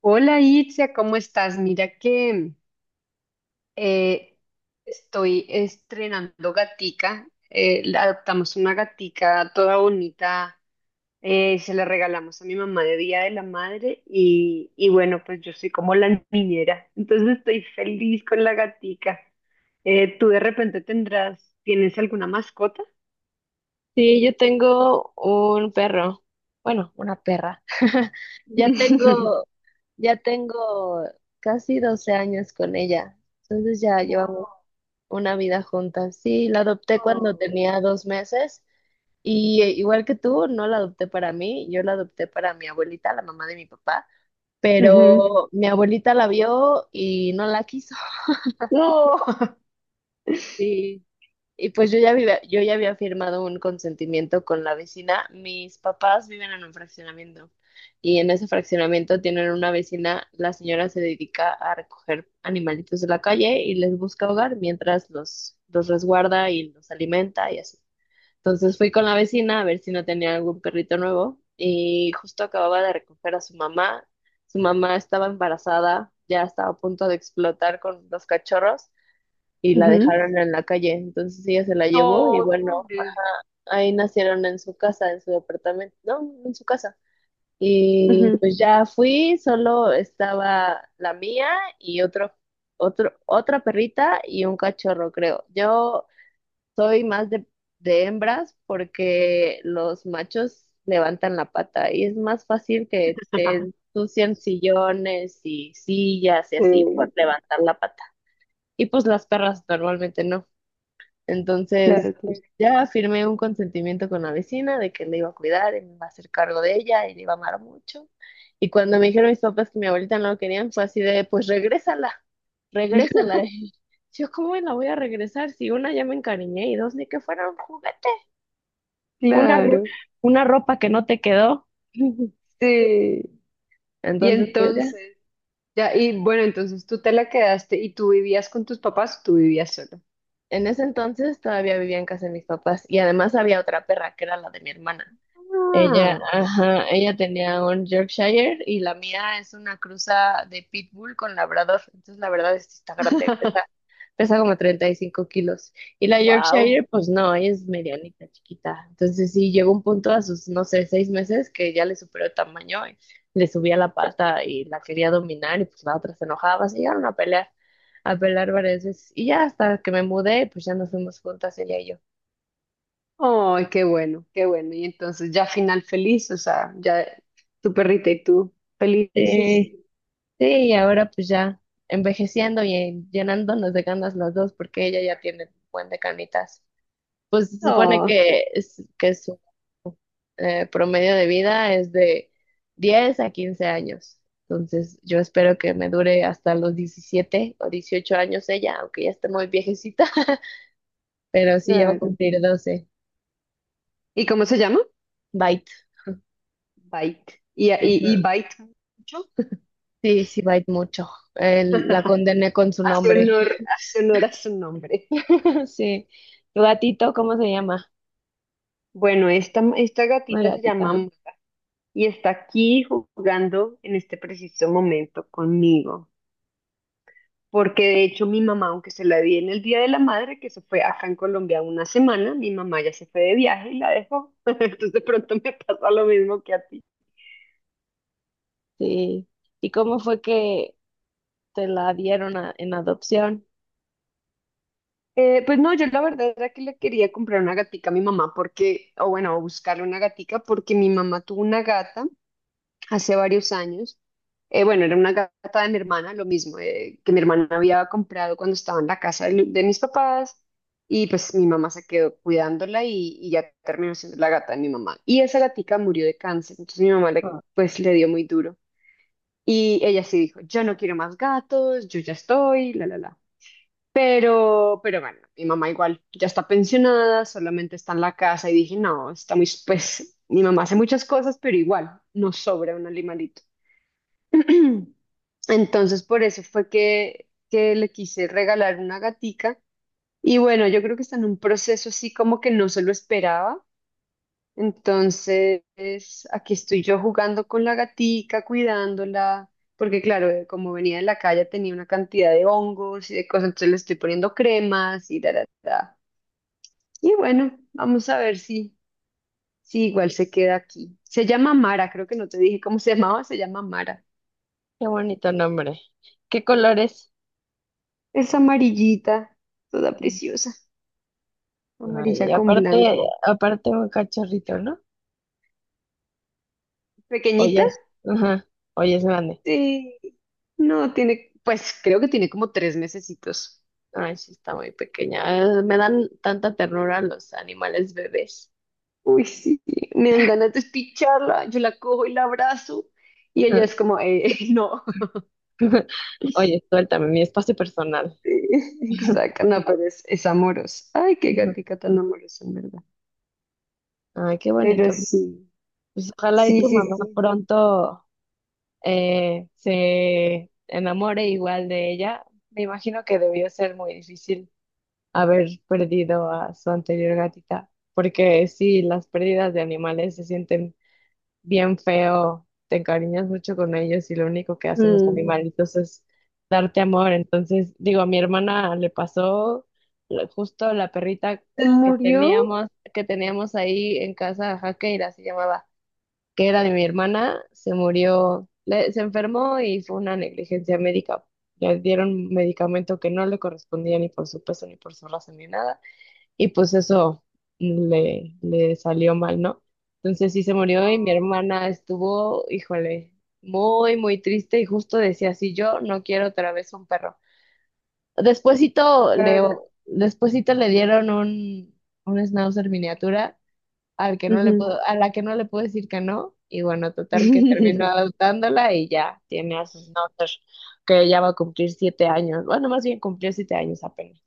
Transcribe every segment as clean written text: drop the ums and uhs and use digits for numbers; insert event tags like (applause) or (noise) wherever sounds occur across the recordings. Hola Itzia, ¿cómo estás? Mira que eh, estoy estrenando gatica. Adoptamos una gatica toda bonita. Se la regalamos a mi mamá de Día de la Madre y, bueno, pues yo soy como la niñera, entonces estoy feliz con la gatica. ¿Tú de repente tienes alguna mascota? Sí, yo tengo un perro. Bueno, una perra. (laughs) Ya (laughs) tengo, ya tengo casi 12 años con ella. Entonces ya llevamos Wow. una vida juntas. Sí, la adopté cuando tenía 2 meses y igual que tú, no la adopté para mí, yo la adopté para mi abuelita, la mamá de mi papá, Ujú. pero mi abuelita la vio y no la quiso. No. (laughs) (laughs) Y pues yo ya había firmado un consentimiento con la vecina. Mis papás viven en un fraccionamiento y en ese fraccionamiento tienen una vecina. La señora se dedica a recoger animalitos de la calle y les busca hogar mientras los resguarda y los alimenta y así. Entonces fui con la vecina a ver si no tenía algún perrito nuevo y justo acababa de recoger a su mamá. Su mamá estaba embarazada, ya estaba a punto de explotar con los cachorros y la Ujú. dejaron en la calle. Entonces ella se la llevó y No, bueno, pobre. ahí nacieron en su casa, en su departamento, no, en su casa. Y pues ya fui, solo estaba la mía y otra perrita y un cachorro, creo. Yo soy más de hembras porque los machos levantan la pata y es más fácil que te ensucian sillones y sillas y Sí, así por levantar la pata. Y pues las perras normalmente no. Entonces, claro, claro. pues, ya firmé un consentimiento con la vecina de que le iba a cuidar, y me iba a hacer cargo de ella y le iba a amar mucho. Y cuando me dijeron mis papás que mi abuelita no lo querían, fue así de, pues regrésala, (laughs) regrésala. (laughs) Y yo, ¿cómo la voy a regresar? Si una, ya me encariñé, y dos, ni que fuera un juguete, una, ro- Claro, una ropa que no te quedó. (laughs) sí. Y Entonces, pues ya. entonces, ya, y bueno, entonces tú te la quedaste y tú vivías con tus papás, o tú vivías solo. En ese entonces todavía vivía en casa de mis papás y además había otra perra que era la de mi hermana. Ella, Ah. ajá, ella tenía un Yorkshire y la mía es una cruza de Pitbull con Labrador. Entonces, la verdad es que está grande, pesa, (laughs) pesa como 35 kilos. Y la Wow. Yorkshire, pues no, ella es medianita, chiquita. Entonces, sí, llegó un punto a sus, no sé, 6 meses, que ya le superó el tamaño, y le subía la pata y la quería dominar y pues la otra se enojaba. Se llegaron a pelear varias veces. Y ya hasta que me mudé, pues ya nos fuimos juntas ella y yo. Ay, qué bueno, qué bueno. Y entonces ya final feliz, o sea, ya tu perrita y tú felices. Sí. Sí, y ahora pues ya envejeciendo y llenándonos de ganas los dos, porque ella ya tiene un buen de canitas. Pues se supone Oh, que, es, que su promedio de vida es de 10 a 15 años. Entonces yo espero que me dure hasta los 17 o 18 años ella, aunque ya esté muy viejecita. (laughs) Pero sí, ya va a claro. cumplir 12. ¿Y cómo se llama? Bite. Bite. ¿Y, y Ujú. Bite mucho? Sí, sí, bite mucho. La (laughs) condené con su nombre. Hace honor a su nombre. (laughs) Sí. ¿Tu gatito cómo se llama? Bueno, esta Una gatita se llama gatita. Maya. Y está aquí jugando en este preciso momento conmigo. Porque de hecho mi mamá, aunque se la vi en el Día de la Madre, que se fue acá en Colombia una semana, mi mamá ya se fue de viaje y la dejó. (laughs) Entonces de pronto me pasa lo mismo que a ti. Sí. ¿Y cómo fue que te la dieron en adopción? Pues no, yo la verdad era que le quería comprar una gatica a mi mamá porque, o bueno, buscarle una gatica porque mi mamá tuvo una gata hace varios años. Bueno, era una gata de mi hermana, lo mismo, que mi hermana había comprado cuando estaba en la casa de mis papás y pues mi mamá se quedó cuidándola y ya terminó siendo la gata de mi mamá. Y esa gatica murió de cáncer, entonces mi mamá le, Ah, pues le dio muy duro. Y ella sí dijo, yo no quiero más gatos, yo ya estoy, la, la, la. Pero bueno, mi mamá igual ya está pensionada, solamente está en la casa y dije, no, está muy, pues mi mamá hace muchas cosas, pero igual nos sobra un animalito. Entonces, por eso fue que le quise regalar una gatica. Y bueno, yo creo que está en un proceso así como que no se lo esperaba. Entonces, aquí estoy yo jugando con la gatica, cuidándola, porque claro, como venía de la calle tenía una cantidad de hongos y de cosas, entonces le estoy poniendo cremas y da, da, da. Y bueno, vamos a ver si igual se queda aquí. Se llama Mara, creo que no te dije cómo se llamaba, se llama Mara. qué bonito nombre. ¿Qué colores? Es amarillita, toda preciosa. Ay, Amarilla y con aparte, blanco. aparte un cachorrito, ¿no? Oye, ¿Pequeñita? es, ajá, oye, es grande. Sí. No, tiene, pues creo que tiene como tres mesecitos. Ay, sí, está muy pequeña. Me dan tanta ternura los animales bebés. Uy, sí, me dan ganas de picharla. Yo la cojo y la abrazo. Y ella Ajá. es como, (laughs) no. (laughs) Oye, suéltame, mi espacio personal. Sí, exacto, no, pero es amorosa. Ay, qué Ujú. gatica tan amorosa, en verdad. Ay, qué Pero bonito. sí, Pues ojalá y sí, tu sí, mamá sí. pronto se enamore igual de ella. Me imagino que debió ser muy difícil haber perdido a su anterior gatita, porque sí, las pérdidas de animales se sienten bien feo, te encariñas mucho con ellos y lo único que hacen los Mm. animalitos es darte amor. Entonces, digo, a mi hermana le pasó justo la perrita ¿Se que murió? teníamos, que teníamos ahí en casa, Jaqueira se llamaba, que era de mi hermana, se murió, se enfermó y fue una negligencia médica. Le dieron medicamento que no le correspondía ni por su peso, ni por su raza, ni nada. Y pues eso le salió mal, ¿no? Entonces sí se murió y mi Ah, hermana estuvo, híjole, muy, muy triste y justo decía, sí, yo no quiero otra vez un perro. Despuésito le, claro. despuésito le dieron un schnauzer miniatura al que no le Ujú. puedo, a la que no le puedo decir que no, y bueno, total que termino (laughs) adoptándola y ya tiene a sus notas, que ya va a cumplir 7 años, bueno, más bien cumplió 7 años apenas,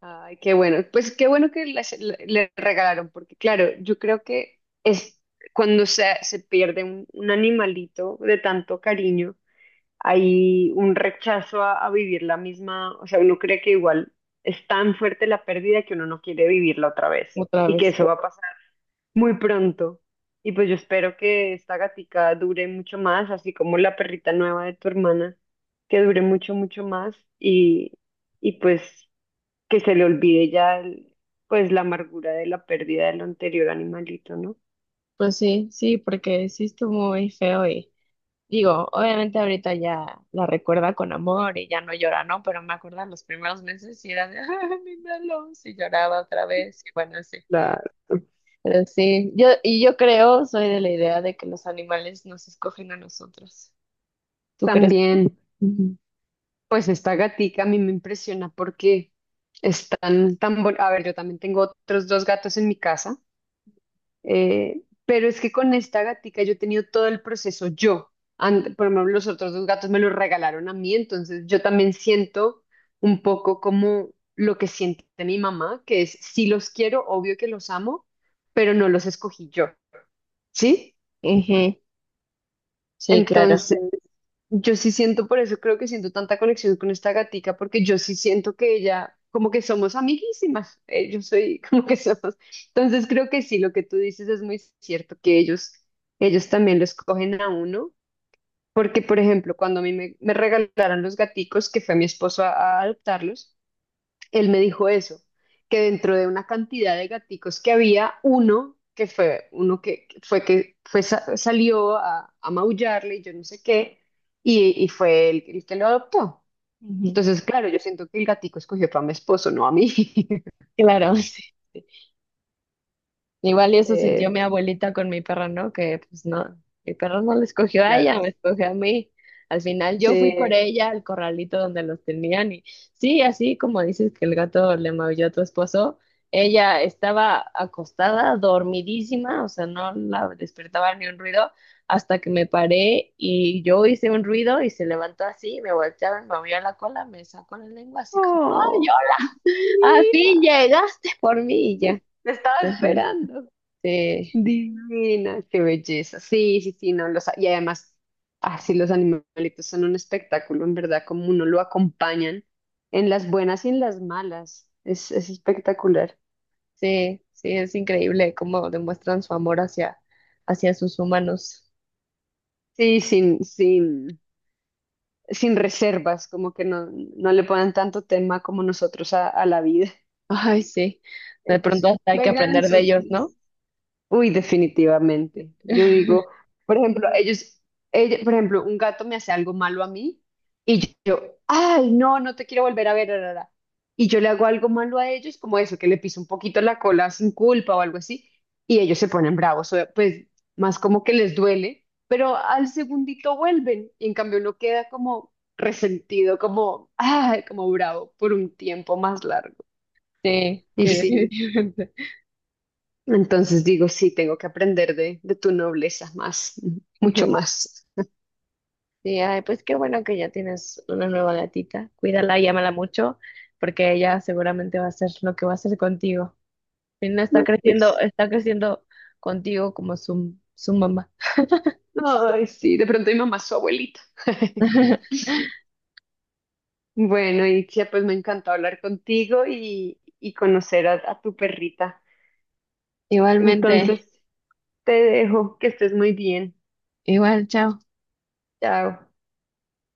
Ay, qué bueno. Pues qué bueno que le le regalaron, porque claro, yo creo que es cuando se pierde un animalito de tanto cariño, hay un rechazo a vivir la misma, o sea, uno cree que igual es tan fuerte la pérdida que uno no quiere vivirla otra vez otra y que vez. eso va a pasar muy pronto. Y pues yo espero que esta gatica dure mucho más, así como la perrita nueva de tu hermana, que dure mucho, mucho más y pues que se le olvide ya pues la amargura de la pérdida del anterior animalito, ¿no? Pues sí, sí, porque sí estuvo muy feo y digo, obviamente ahorita ya la recuerda con amor y ya no llora, ¿no? Pero me acuerdo los primeros meses y era de, (laughs) ay, mi Melons", y lloraba otra vez y bueno, sí. La Pero sí, yo, y yo creo, soy de la idea de que los animales nos escogen a nosotros. ¿Tú crees? también, Ujú, pues esta gatica a mí me impresiona porque están tan a ver, yo también tengo otros dos gatos en mi casa, pero es que con esta gatica yo he tenido todo el proceso yo. Por ejemplo, los otros dos gatos me los regalaron a mí, entonces yo también siento un poco como lo que siente mi mamá, que es, si los quiero, obvio que los amo, pero no los escogí yo. ¿Sí? ujú, sí, claro. Entonces, yo sí siento, por eso creo que siento tanta conexión con esta gatica, porque yo sí siento que ella, como que somos amiguísimas, yo soy (laughs) como que somos. Entonces, creo que sí, lo que tú dices es muy cierto, ellos también lo escogen a uno, porque, por ejemplo, cuando a me regalaron los gaticos, que fue mi esposo a adoptarlos, él me dijo eso, que dentro de una cantidad de gaticos que había, uno que fue, salió a maullarle y yo no sé qué, y fue él el que lo adoptó. Ujú. Entonces, claro, yo siento que el gatico escogió fue a mi esposo, no a mí. (laughs) Claro, (laughs) sí, sí. Igual y eso Eh, sintió mi abuelita con mi perro, ¿no? Que pues no, mi perro no le escogió a ella, claro. me escogió a mí. Al final Sí. yo fui por ella al corralito donde los tenían y sí, así como dices que el gato le maulló a tu esposo, ella estaba acostada, dormidísima, o sea, no la despertaba ni un ruido hasta que me paré y yo hice un ruido y se levantó así, me voltearon, me movió la cola, me sacó la lengua así como ¡ay! Oh, Al fin divino. llegaste por mí y ya. Te estaba Ajá. esperando. Sí, Divina, qué belleza. Sí, sí, sí, no, los, y además, así los animalitos son un espectáculo, en verdad, como uno lo acompañan en las buenas y en las malas. Es espectacular. sí, sí, es increíble cómo demuestran su amor hacia, hacia sus humanos. Sí, sin reservas, como que no, no le ponen tanto tema como nosotros a la vida. Ay, sí. (laughs) De Ellos pronto hasta hay que juegan, aprender de son ellos, ¿no? felices. Uy, definitivamente. Yo (laughs) digo, por ejemplo, por ejemplo, un gato me hace algo malo a mí y yo, ay, no, no te quiero volver a ver, ra, ra, ra". Y yo le hago algo malo a ellos, como eso, que le piso un poquito la cola sin culpa o algo así, y ellos se ponen bravos, o- pues más como que les duele, pero al segundito vuelven y en cambio uno queda como resentido, como, ay, como bravo por un tiempo más largo. Sí, Y sí, sí. definitivamente. (laughs) Entonces digo, sí, tengo que aprender de tu nobleza más, mucho Ujú. más. Sí, ay, pues qué bueno que ya tienes una nueva gatita. Cuídala y ámala mucho, porque ella seguramente va a hacer lo que va a hacer contigo. Y no está No, creciendo, pues, está creciendo contigo como su mamá. ay, sí, de pronto mi mamá es su abuelita. (laughs) (laughs) Bueno, Itzia, pues me encantó hablar contigo y conocer a tu perrita. Igualmente, Entonces, te dejo, que estés muy bien. igual, chao. Chao.